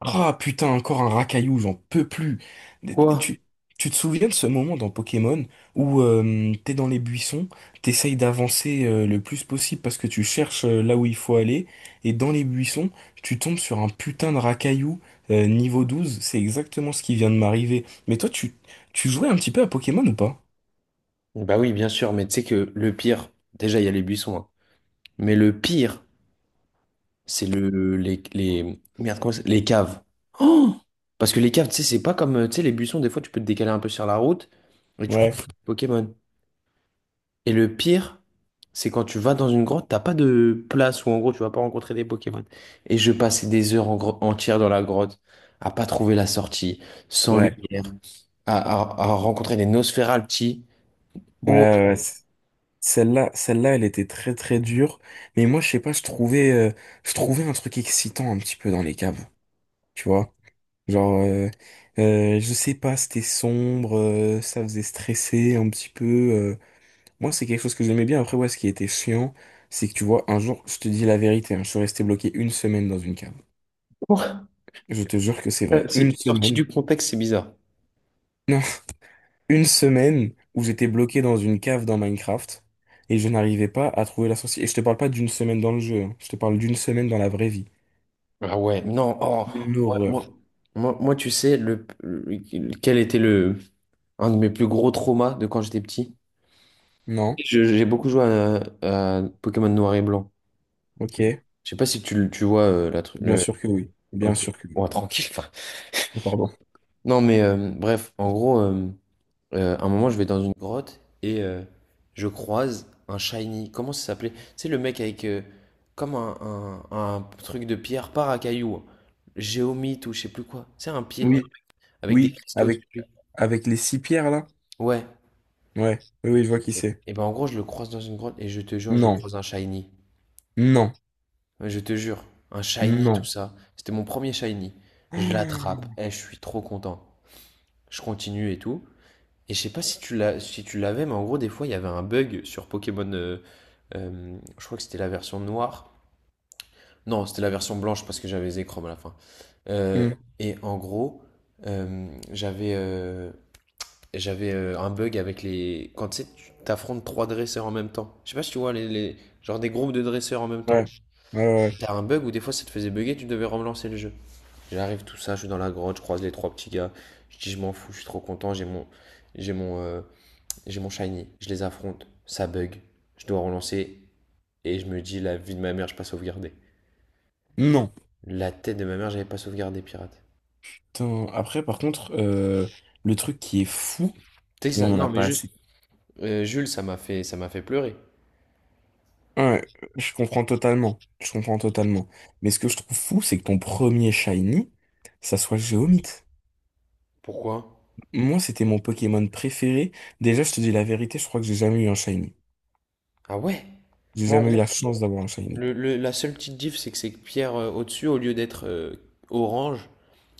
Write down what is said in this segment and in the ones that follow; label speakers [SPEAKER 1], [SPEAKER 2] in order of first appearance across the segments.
[SPEAKER 1] Ah putain, encore un racaillou, j'en peux plus.
[SPEAKER 2] Quoi?
[SPEAKER 1] Tu, tu te souviens de ce moment dans Pokémon où t'es dans les buissons, t'essayes d'avancer le plus possible parce que tu cherches là où il faut aller, et dans les buissons, tu tombes sur un putain de racaillou niveau 12, c'est exactement ce qui vient de m'arriver. Mais toi, tu jouais un petit peu à Pokémon ou pas?
[SPEAKER 2] Bah oui, bien sûr, mais tu sais que le pire, déjà il y a les buissons, hein. Mais le pire, c'est les merde, les caves. Oh! Parce que les caves, tu sais, c'est pas comme tu sais les buissons, des fois tu peux te décaler un peu sur la route et tu crois
[SPEAKER 1] Ouais,
[SPEAKER 2] Pokémon. Et le pire, c'est quand tu vas dans une grotte, t'as pas de place où en gros tu vas pas rencontrer des Pokémon. Et je passais des heures entières dans la grotte à pas trouver la sortie, sans
[SPEAKER 1] ouais,
[SPEAKER 2] lumière, à rencontrer des Nosferalti.
[SPEAKER 1] ouais,
[SPEAKER 2] Oh.
[SPEAKER 1] ouais, ouais, celle-là, celle-là, elle était très très dure. Mais moi, je sais pas, je trouvais un truc excitant un petit peu dans les caves, tu vois? Genre, euh, je sais pas, c'était sombre, ça faisait stresser un petit peu. euh. Moi, c'est quelque chose que j'aimais bien. Après, ouais, ce qui était chiant, c'est que tu vois, un jour, je te dis la vérité, hein, je suis resté bloqué une semaine dans une cave. Je te jure que c'est vrai.
[SPEAKER 2] C'est
[SPEAKER 1] Une
[SPEAKER 2] sorti
[SPEAKER 1] semaine.
[SPEAKER 2] du contexte, c'est bizarre.
[SPEAKER 1] Non, une semaine où j'étais bloqué dans une cave dans Minecraft et je n'arrivais pas à trouver la sortie. Et je te parle pas d'une semaine dans le jeu, hein, je te parle d'une semaine dans la vraie vie.
[SPEAKER 2] Ah ouais, non, oh,
[SPEAKER 1] Une
[SPEAKER 2] ouais, moi,
[SPEAKER 1] horreur.
[SPEAKER 2] tu sais, quel était le, un de mes plus gros traumas de quand j'étais petit?
[SPEAKER 1] Non?
[SPEAKER 2] J'ai beaucoup joué à Pokémon Noir et Blanc.
[SPEAKER 1] Ok.
[SPEAKER 2] Je sais pas si tu vois euh, la, tru-
[SPEAKER 1] Bien
[SPEAKER 2] le...
[SPEAKER 1] sûr que oui. Bien
[SPEAKER 2] Ok,
[SPEAKER 1] sûr que oui.
[SPEAKER 2] ouais, tranquille. Enfin.
[SPEAKER 1] Oh, pardon.
[SPEAKER 2] Non, mais bref, en gros, à un moment, je vais dans une grotte et je croise un shiny. Comment ça s'appelait? C'est le mec avec comme un truc de pierre, par à cailloux. Géomite ou je sais plus quoi. C'est un pied
[SPEAKER 1] Oui,
[SPEAKER 2] avec des
[SPEAKER 1] oui,
[SPEAKER 2] cristaux
[SPEAKER 1] avec,
[SPEAKER 2] dessus. Lui.
[SPEAKER 1] avec les six pierres là?
[SPEAKER 2] Ouais.
[SPEAKER 1] Ouais, oui, oui, je vois qui
[SPEAKER 2] Et,
[SPEAKER 1] c'est.
[SPEAKER 2] et ben en gros, je le croise dans une grotte et je te jure, je
[SPEAKER 1] Non,
[SPEAKER 2] croise un shiny.
[SPEAKER 1] non,
[SPEAKER 2] Je te jure, un shiny, tout
[SPEAKER 1] non.
[SPEAKER 2] ça. C'était mon premier shiny. Je l'attrape, et je suis trop content. Je continue et tout. Et je sais pas si tu l'as, si tu l'avais, mais en gros, des fois, il y avait un bug sur Pokémon. Je crois que c'était la version noire. Non, c'était la version blanche parce que j'avais Zekrom à la fin. Euh,
[SPEAKER 1] Hmm,
[SPEAKER 2] et en gros, euh, j'avais euh, j'avais un bug avec les. Quand tu sais, tu t'affrontes trois dresseurs en même temps. Je sais pas si tu vois, genre des groupes de dresseurs en même temps.
[SPEAKER 1] ouais, ouais, ouais,
[SPEAKER 2] Et
[SPEAKER 1] ouais.
[SPEAKER 2] t'as un bug où des fois ça te faisait bugger, tu devais relancer le jeu. J'arrive, tout ça, je suis dans la grotte, je croise les trois petits gars. Je dis, je m'en fous, je suis trop content. J'ai mon. euh, j'ai mon shiny, je les affronte, ça bug, je dois relancer et je me dis la vie de ma mère, je pas sauvegardé.
[SPEAKER 1] Non.
[SPEAKER 2] La tête de ma mère, j'avais pas sauvegardé pirate.
[SPEAKER 1] Putain, après, par contre, le truc qui est fou,
[SPEAKER 2] Tu sais que
[SPEAKER 1] et on en a
[SPEAKER 2] non mais
[SPEAKER 1] pas
[SPEAKER 2] juste
[SPEAKER 1] assez.
[SPEAKER 2] Jules, ça m'a fait pleurer.
[SPEAKER 1] Ouais, je comprends totalement. Je comprends totalement. Mais ce que je trouve fou, c'est que ton premier shiny, ça soit Géomite.
[SPEAKER 2] Pourquoi?
[SPEAKER 1] Moi, c'était mon Pokémon préféré. Déjà, je te dis la vérité, je crois que j'ai jamais eu un shiny.
[SPEAKER 2] Ah ouais.
[SPEAKER 1] J'ai
[SPEAKER 2] Moi en
[SPEAKER 1] jamais eu
[SPEAKER 2] gros,
[SPEAKER 1] la chance d'avoir un shiny.
[SPEAKER 2] la seule petite diff c'est que ces pierres au-dessus au lieu d'être orange,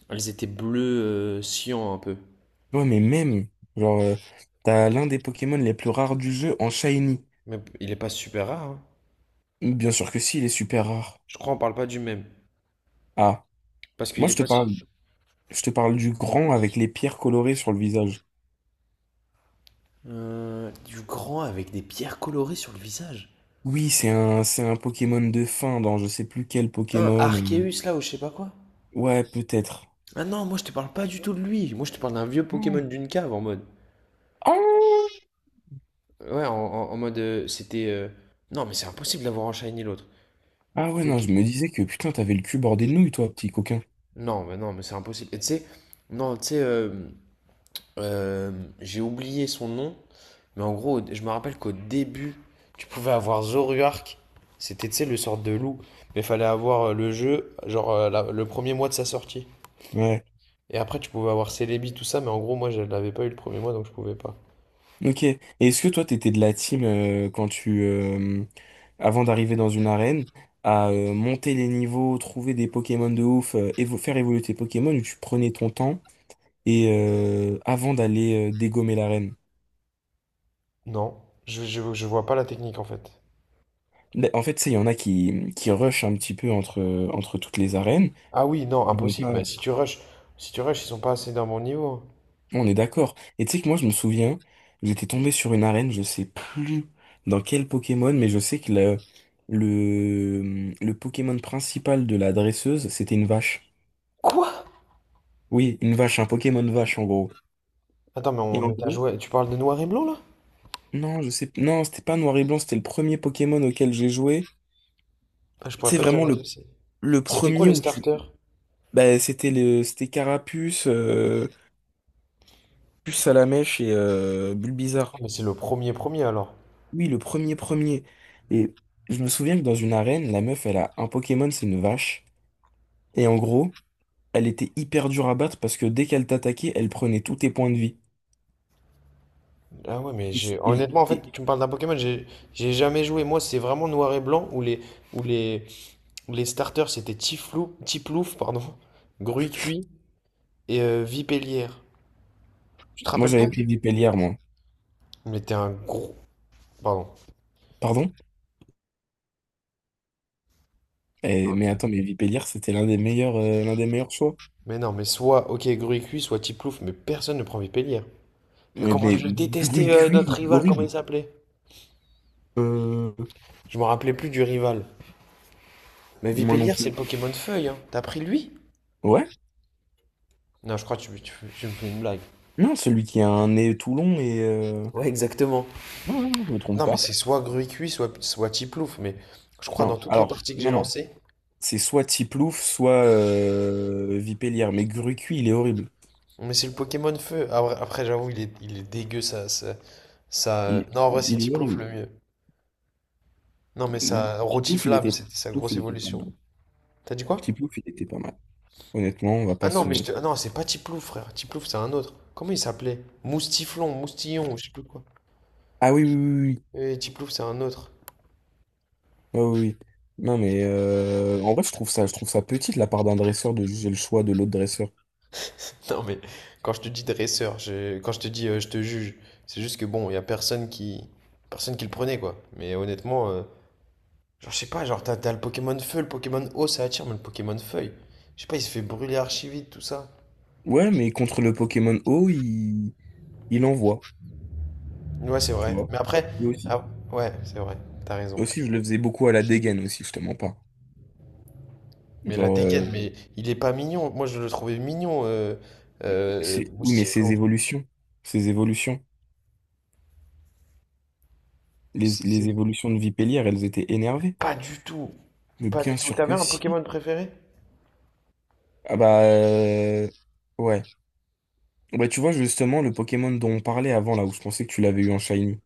[SPEAKER 2] elles étaient bleues cyan un peu.
[SPEAKER 1] Ouais, mais même, genre, euh, t'as l'un des Pokémon les plus rares du jeu en Shiny.
[SPEAKER 2] Mais il est pas super rare hein.
[SPEAKER 1] Bien sûr que si, il est super rare.
[SPEAKER 2] Je crois on parle pas du même
[SPEAKER 1] Ah,
[SPEAKER 2] parce
[SPEAKER 1] moi
[SPEAKER 2] qu'il est pas su-
[SPEAKER 1] je te parle du grand avec les pierres colorées sur le visage.
[SPEAKER 2] Du grand avec des pierres colorées sur le visage.
[SPEAKER 1] Oui, c'est un Pokémon de fin dans je sais plus quel
[SPEAKER 2] Un
[SPEAKER 1] Pokémon.
[SPEAKER 2] Arceus là ou je sais pas quoi.
[SPEAKER 1] Ouais, peut-être.
[SPEAKER 2] Ah non, moi je te parle pas du tout de lui. Moi je te parle d'un vieux Pokémon d'une cave en mode.
[SPEAKER 1] Ah,
[SPEAKER 2] Ouais, en mode c'était. Non, mais c'est impossible d'avoir en shiny l'autre.
[SPEAKER 1] ah ouais, non, je me disais que putain, t'avais le cul bordé de nouilles, toi, petit coquin.
[SPEAKER 2] Non, mais non, mais c'est impossible. Et tu sais, non, tu sais, euh, j'ai oublié son nom, mais en gros, je me rappelle qu'au début, tu pouvais avoir Zoruark. C'était, tu sais, le sort de loup. Mais fallait avoir le jeu, genre le premier mois de sa sortie.
[SPEAKER 1] Ouais.
[SPEAKER 2] Et après, tu pouvais avoir Celebi, tout ça, mais en gros, moi je l'avais pas eu le premier mois donc je pouvais pas.
[SPEAKER 1] Ok. Et est-ce que toi, t'étais de la team avant d'arriver dans une arène, à monter les niveaux, trouver des Pokémon de ouf, faire évoluer tes Pokémon, où tu prenais ton temps et avant d'aller dégommer l'arène?
[SPEAKER 2] Non, je vois pas la technique en fait.
[SPEAKER 1] Mais en fait, tu sais, il y en a qui rushent un petit peu entre, entre toutes les arènes.
[SPEAKER 2] Ah oui, non,
[SPEAKER 1] Ils vont
[SPEAKER 2] impossible. Mais
[SPEAKER 1] pas.
[SPEAKER 2] si tu rushes, ils sont pas assez d'un bon niveau.
[SPEAKER 1] On est d'accord. Et tu sais que moi, je me souviens, j'étais tombé sur une arène, je sais plus dans quel Pokémon, mais je sais que le Pokémon principal de la dresseuse, c'était une vache.
[SPEAKER 2] Quoi?
[SPEAKER 1] Oui, une vache, un Pokémon vache en gros.
[SPEAKER 2] Attends, mais on
[SPEAKER 1] Et en
[SPEAKER 2] met à
[SPEAKER 1] gros,
[SPEAKER 2] jouer. Tu parles de Noir et Blanc là?
[SPEAKER 1] non, je sais, non, c'était pas noir et blanc, c'était le premier Pokémon auquel j'ai joué.
[SPEAKER 2] Ah, je pourrais
[SPEAKER 1] C'est
[SPEAKER 2] pas te dire
[SPEAKER 1] vraiment
[SPEAKER 2] lequel c'est.
[SPEAKER 1] le
[SPEAKER 2] C'était quoi
[SPEAKER 1] premier
[SPEAKER 2] les
[SPEAKER 1] où
[SPEAKER 2] starters?
[SPEAKER 1] c'était c'était Carapuce, Puce à la mèche et
[SPEAKER 2] Ah,
[SPEAKER 1] Bulbizarre.
[SPEAKER 2] mais c'est le premier premier alors.
[SPEAKER 1] Oui, le premier premier. Et je me souviens que dans une arène, la meuf, elle a un Pokémon, c'est une vache. Et en gros, elle était hyper dure à battre parce que dès qu'elle t'attaquait, elle prenait tous tes points de vie.
[SPEAKER 2] Ah ouais, mais
[SPEAKER 1] Et,
[SPEAKER 2] j'ai
[SPEAKER 1] et-
[SPEAKER 2] honnêtement en fait,
[SPEAKER 1] et-
[SPEAKER 2] tu me parles d'un Pokémon, j'ai jamais joué. Moi, c'est vraiment Noir et Blanc où les où les starters c'était Tiflou, Tiplouf, pardon, Gruicui et Vipélière. Tu te
[SPEAKER 1] moi,
[SPEAKER 2] rappelles pas?
[SPEAKER 1] j'avais pris Vipélière, moi.
[SPEAKER 2] Mais t'es un gros. Pardon.
[SPEAKER 1] Pardon? Eh, mais attends, mais Vipélière, c'était l'un des meilleurs choix.
[SPEAKER 2] Mais non, mais soit OK Gruy cuit, soit Tiplouf, mais personne ne prend Vipélier.
[SPEAKER 1] Mais,
[SPEAKER 2] Comment
[SPEAKER 1] mais
[SPEAKER 2] je le détestais,
[SPEAKER 1] gru-
[SPEAKER 2] notre
[SPEAKER 1] cuit,
[SPEAKER 2] rival, comment il
[SPEAKER 1] horrible.
[SPEAKER 2] s'appelait?
[SPEAKER 1] Euh,
[SPEAKER 2] Je me rappelais plus du rival. Mais
[SPEAKER 1] moi non
[SPEAKER 2] Vipélier, c'est le
[SPEAKER 1] plus.
[SPEAKER 2] Pokémon Feuille, hein. T'as pris lui?
[SPEAKER 1] Ouais?
[SPEAKER 2] Non, je crois que tu me fais une blague.
[SPEAKER 1] Non, celui qui a un nez tout long et...
[SPEAKER 2] Ouais, exactement.
[SPEAKER 1] Ouais, ouais, ouais, je me trompe
[SPEAKER 2] Non, mais
[SPEAKER 1] pas.
[SPEAKER 2] c'est soit Gruy cuit, soit Tiplouf, mais je crois dans
[SPEAKER 1] Non,
[SPEAKER 2] toutes les
[SPEAKER 1] alors,
[SPEAKER 2] parties que j'ai
[SPEAKER 1] non, non.
[SPEAKER 2] lancées.
[SPEAKER 1] C'est soit Tiplouf, soit Vipélière. Mais Grucui, il est horrible.
[SPEAKER 2] Mais c'est le Pokémon Feu. Ah, ouais, après, j'avoue, il est dégueu,
[SPEAKER 1] Il,
[SPEAKER 2] non, en vrai, c'est
[SPEAKER 1] il est
[SPEAKER 2] Tiplouf
[SPEAKER 1] horrible.
[SPEAKER 2] le mieux. Non, mais
[SPEAKER 1] Bon,
[SPEAKER 2] ça. Rotiflamme, c'était sa
[SPEAKER 1] Tiplouf,
[SPEAKER 2] grosse
[SPEAKER 1] il était pas
[SPEAKER 2] évolution.
[SPEAKER 1] mal.
[SPEAKER 2] T'as dit quoi?
[SPEAKER 1] Tiplouf, il était pas mal. Honnêtement, on va
[SPEAKER 2] Ah
[SPEAKER 1] pas
[SPEAKER 2] non,
[SPEAKER 1] se...
[SPEAKER 2] ah non, c'est pas Tiplouf, frère. Tiplouf, c'est un autre. Comment il s'appelait? Moustiflon, Moustillon, je sais plus quoi.
[SPEAKER 1] Ah oui, oui, oui, oui.
[SPEAKER 2] Tiplouf, c'est un autre.
[SPEAKER 1] Ah oui, oui. Non, mais en vrai, je trouve ça petit de la part d'un dresseur de juger le choix de l'autre dresseur.
[SPEAKER 2] Non, mais quand je te dis dresseur, quand je te dis je te juge, c'est juste que bon, il y a personne qui le prenait, quoi. Mais honnêtement, genre, je sais pas, genre, t'as le Pokémon Feu, le Pokémon Eau, ça attire, mais le Pokémon Feuille, je sais pas, il se fait brûler archi vite, tout ça.
[SPEAKER 1] Ouais, mais contre le Pokémon O, il envoie,
[SPEAKER 2] Ouais, c'est
[SPEAKER 1] tu
[SPEAKER 2] vrai.
[SPEAKER 1] vois.
[SPEAKER 2] Mais après,
[SPEAKER 1] Moi aussi.
[SPEAKER 2] ah, ouais, c'est vrai, t'as raison.
[SPEAKER 1] Moi aussi, je le faisais beaucoup à la dégaine aussi, je te mens pas.
[SPEAKER 2] Mais la
[SPEAKER 1] Genre,
[SPEAKER 2] dégaine,
[SPEAKER 1] euh,
[SPEAKER 2] mais il est pas mignon. Moi, je le trouvais mignon,
[SPEAKER 1] c'est, oui, mais ses
[SPEAKER 2] Moustiflon.
[SPEAKER 1] évolutions. Ses évolutions. Les,
[SPEAKER 2] C'est-
[SPEAKER 1] les évolutions de Vipellier, elles étaient énervées.
[SPEAKER 2] Pas du tout,
[SPEAKER 1] Mais
[SPEAKER 2] pas
[SPEAKER 1] bien
[SPEAKER 2] du tout.
[SPEAKER 1] sûr
[SPEAKER 2] T'avais
[SPEAKER 1] que
[SPEAKER 2] un
[SPEAKER 1] si.
[SPEAKER 2] Pokémon préféré?
[SPEAKER 1] Ah bah euh, ouais. Bah tu vois justement le Pokémon dont on parlait avant là où je pensais que tu l'avais eu en Shiny.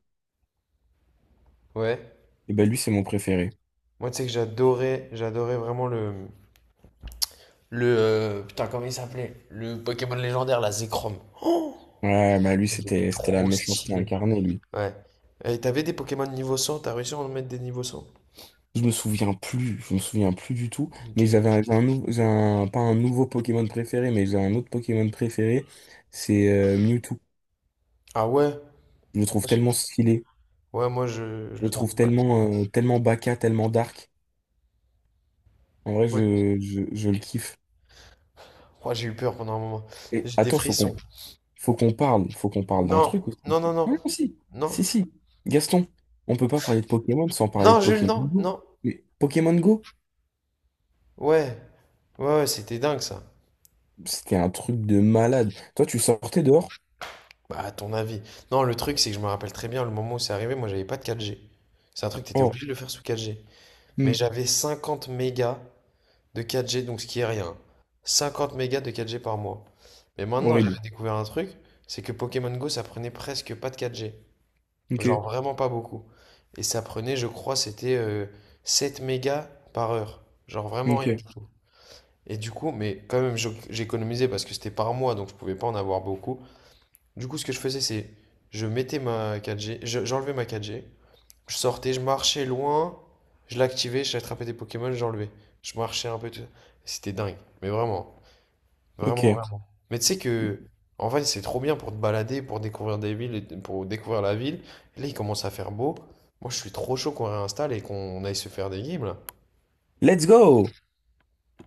[SPEAKER 2] Ouais.
[SPEAKER 1] Et bah lui c'est mon préféré.
[SPEAKER 2] Moi, tu sais que j'adorais vraiment le... Putain, comment il s'appelait? Le Pokémon légendaire, la Zekrom.
[SPEAKER 1] Ouais bah lui
[SPEAKER 2] Il était
[SPEAKER 1] c'était la
[SPEAKER 2] trop
[SPEAKER 1] méchanceté
[SPEAKER 2] stylé.
[SPEAKER 1] incarnée lui.
[SPEAKER 2] Ouais. Et t'avais des Pokémon niveau 100? T'as réussi à en mettre des niveaux 100?
[SPEAKER 1] Je me souviens plus du tout.
[SPEAKER 2] Ok.
[SPEAKER 1] Mais j'avais un nou- j'ai un- pas un nouveau Pokémon préféré, mais j'ai un autre Pokémon préféré, c'est Mewtwo.
[SPEAKER 2] Ah ouais?
[SPEAKER 1] Je le trouve tellement stylé,
[SPEAKER 2] Ouais, moi, je
[SPEAKER 1] je
[SPEAKER 2] le
[SPEAKER 1] le
[SPEAKER 2] trouve
[SPEAKER 1] trouve
[SPEAKER 2] pas.
[SPEAKER 1] tellement tellement baka, tellement dark. En vrai
[SPEAKER 2] Ouais,
[SPEAKER 1] je le
[SPEAKER 2] ok.
[SPEAKER 1] kiffe.
[SPEAKER 2] Oh, j'ai eu peur pendant un moment.
[SPEAKER 1] Et
[SPEAKER 2] J'ai des
[SPEAKER 1] attends,
[SPEAKER 2] frissons.
[SPEAKER 1] faut qu'on parle d'un
[SPEAKER 2] Non,
[SPEAKER 1] truc aussi.
[SPEAKER 2] non, non, non.
[SPEAKER 1] Non, non, si,
[SPEAKER 2] Non.
[SPEAKER 1] si, si. Gaston, on peut pas parler de Pokémon sans parler de
[SPEAKER 2] Non, Jules,
[SPEAKER 1] Pokémon
[SPEAKER 2] non,
[SPEAKER 1] Go.
[SPEAKER 2] non.
[SPEAKER 1] Mais Pokémon Go,
[SPEAKER 2] Ouais. Ouais, ouais, c'était dingue, ça.
[SPEAKER 1] c'était un truc de malade. Toi, tu sortais dehors?
[SPEAKER 2] Bah, à ton avis. Non, le truc, c'est que je me rappelle très bien le moment où c'est arrivé, moi, j'avais pas de 4G. C'est un truc t'étais
[SPEAKER 1] Oh,
[SPEAKER 2] obligé de le faire sous 4G. Mais
[SPEAKER 1] hmm,
[SPEAKER 2] j'avais 50 mégas de 4G, donc ce qui est rien. 50 mégas de 4G par mois. Mais maintenant, j'avais
[SPEAKER 1] horrible.
[SPEAKER 2] découvert un truc, c'est que Pokémon Go, ça prenait presque pas de 4G.
[SPEAKER 1] Ok,
[SPEAKER 2] Genre vraiment pas beaucoup. Et ça prenait, je crois, c'était 7 mégas par heure. Genre vraiment
[SPEAKER 1] ok,
[SPEAKER 2] rien du tout. Et du coup, mais quand même, j'économisais parce que c'était par mois, donc je pouvais pas en avoir beaucoup. Du coup, ce que je faisais, c'est je mettais ma 4G, j'enlevais ma 4G, je sortais, je marchais loin, je l'activais, j'attrapais des Pokémon, j'enlevais. Je marchais un peu, tout ça. C'était dingue, mais vraiment, vraiment,
[SPEAKER 1] ok.
[SPEAKER 2] vraiment. Mais tu sais que, en vrai, c'est trop bien pour te balader, pour découvrir des villes, et pour découvrir la ville. Et là, il commence à faire beau. Moi, je suis trop chaud qu'on réinstalle et qu'on aille se faire des games, là.
[SPEAKER 1] Let's go!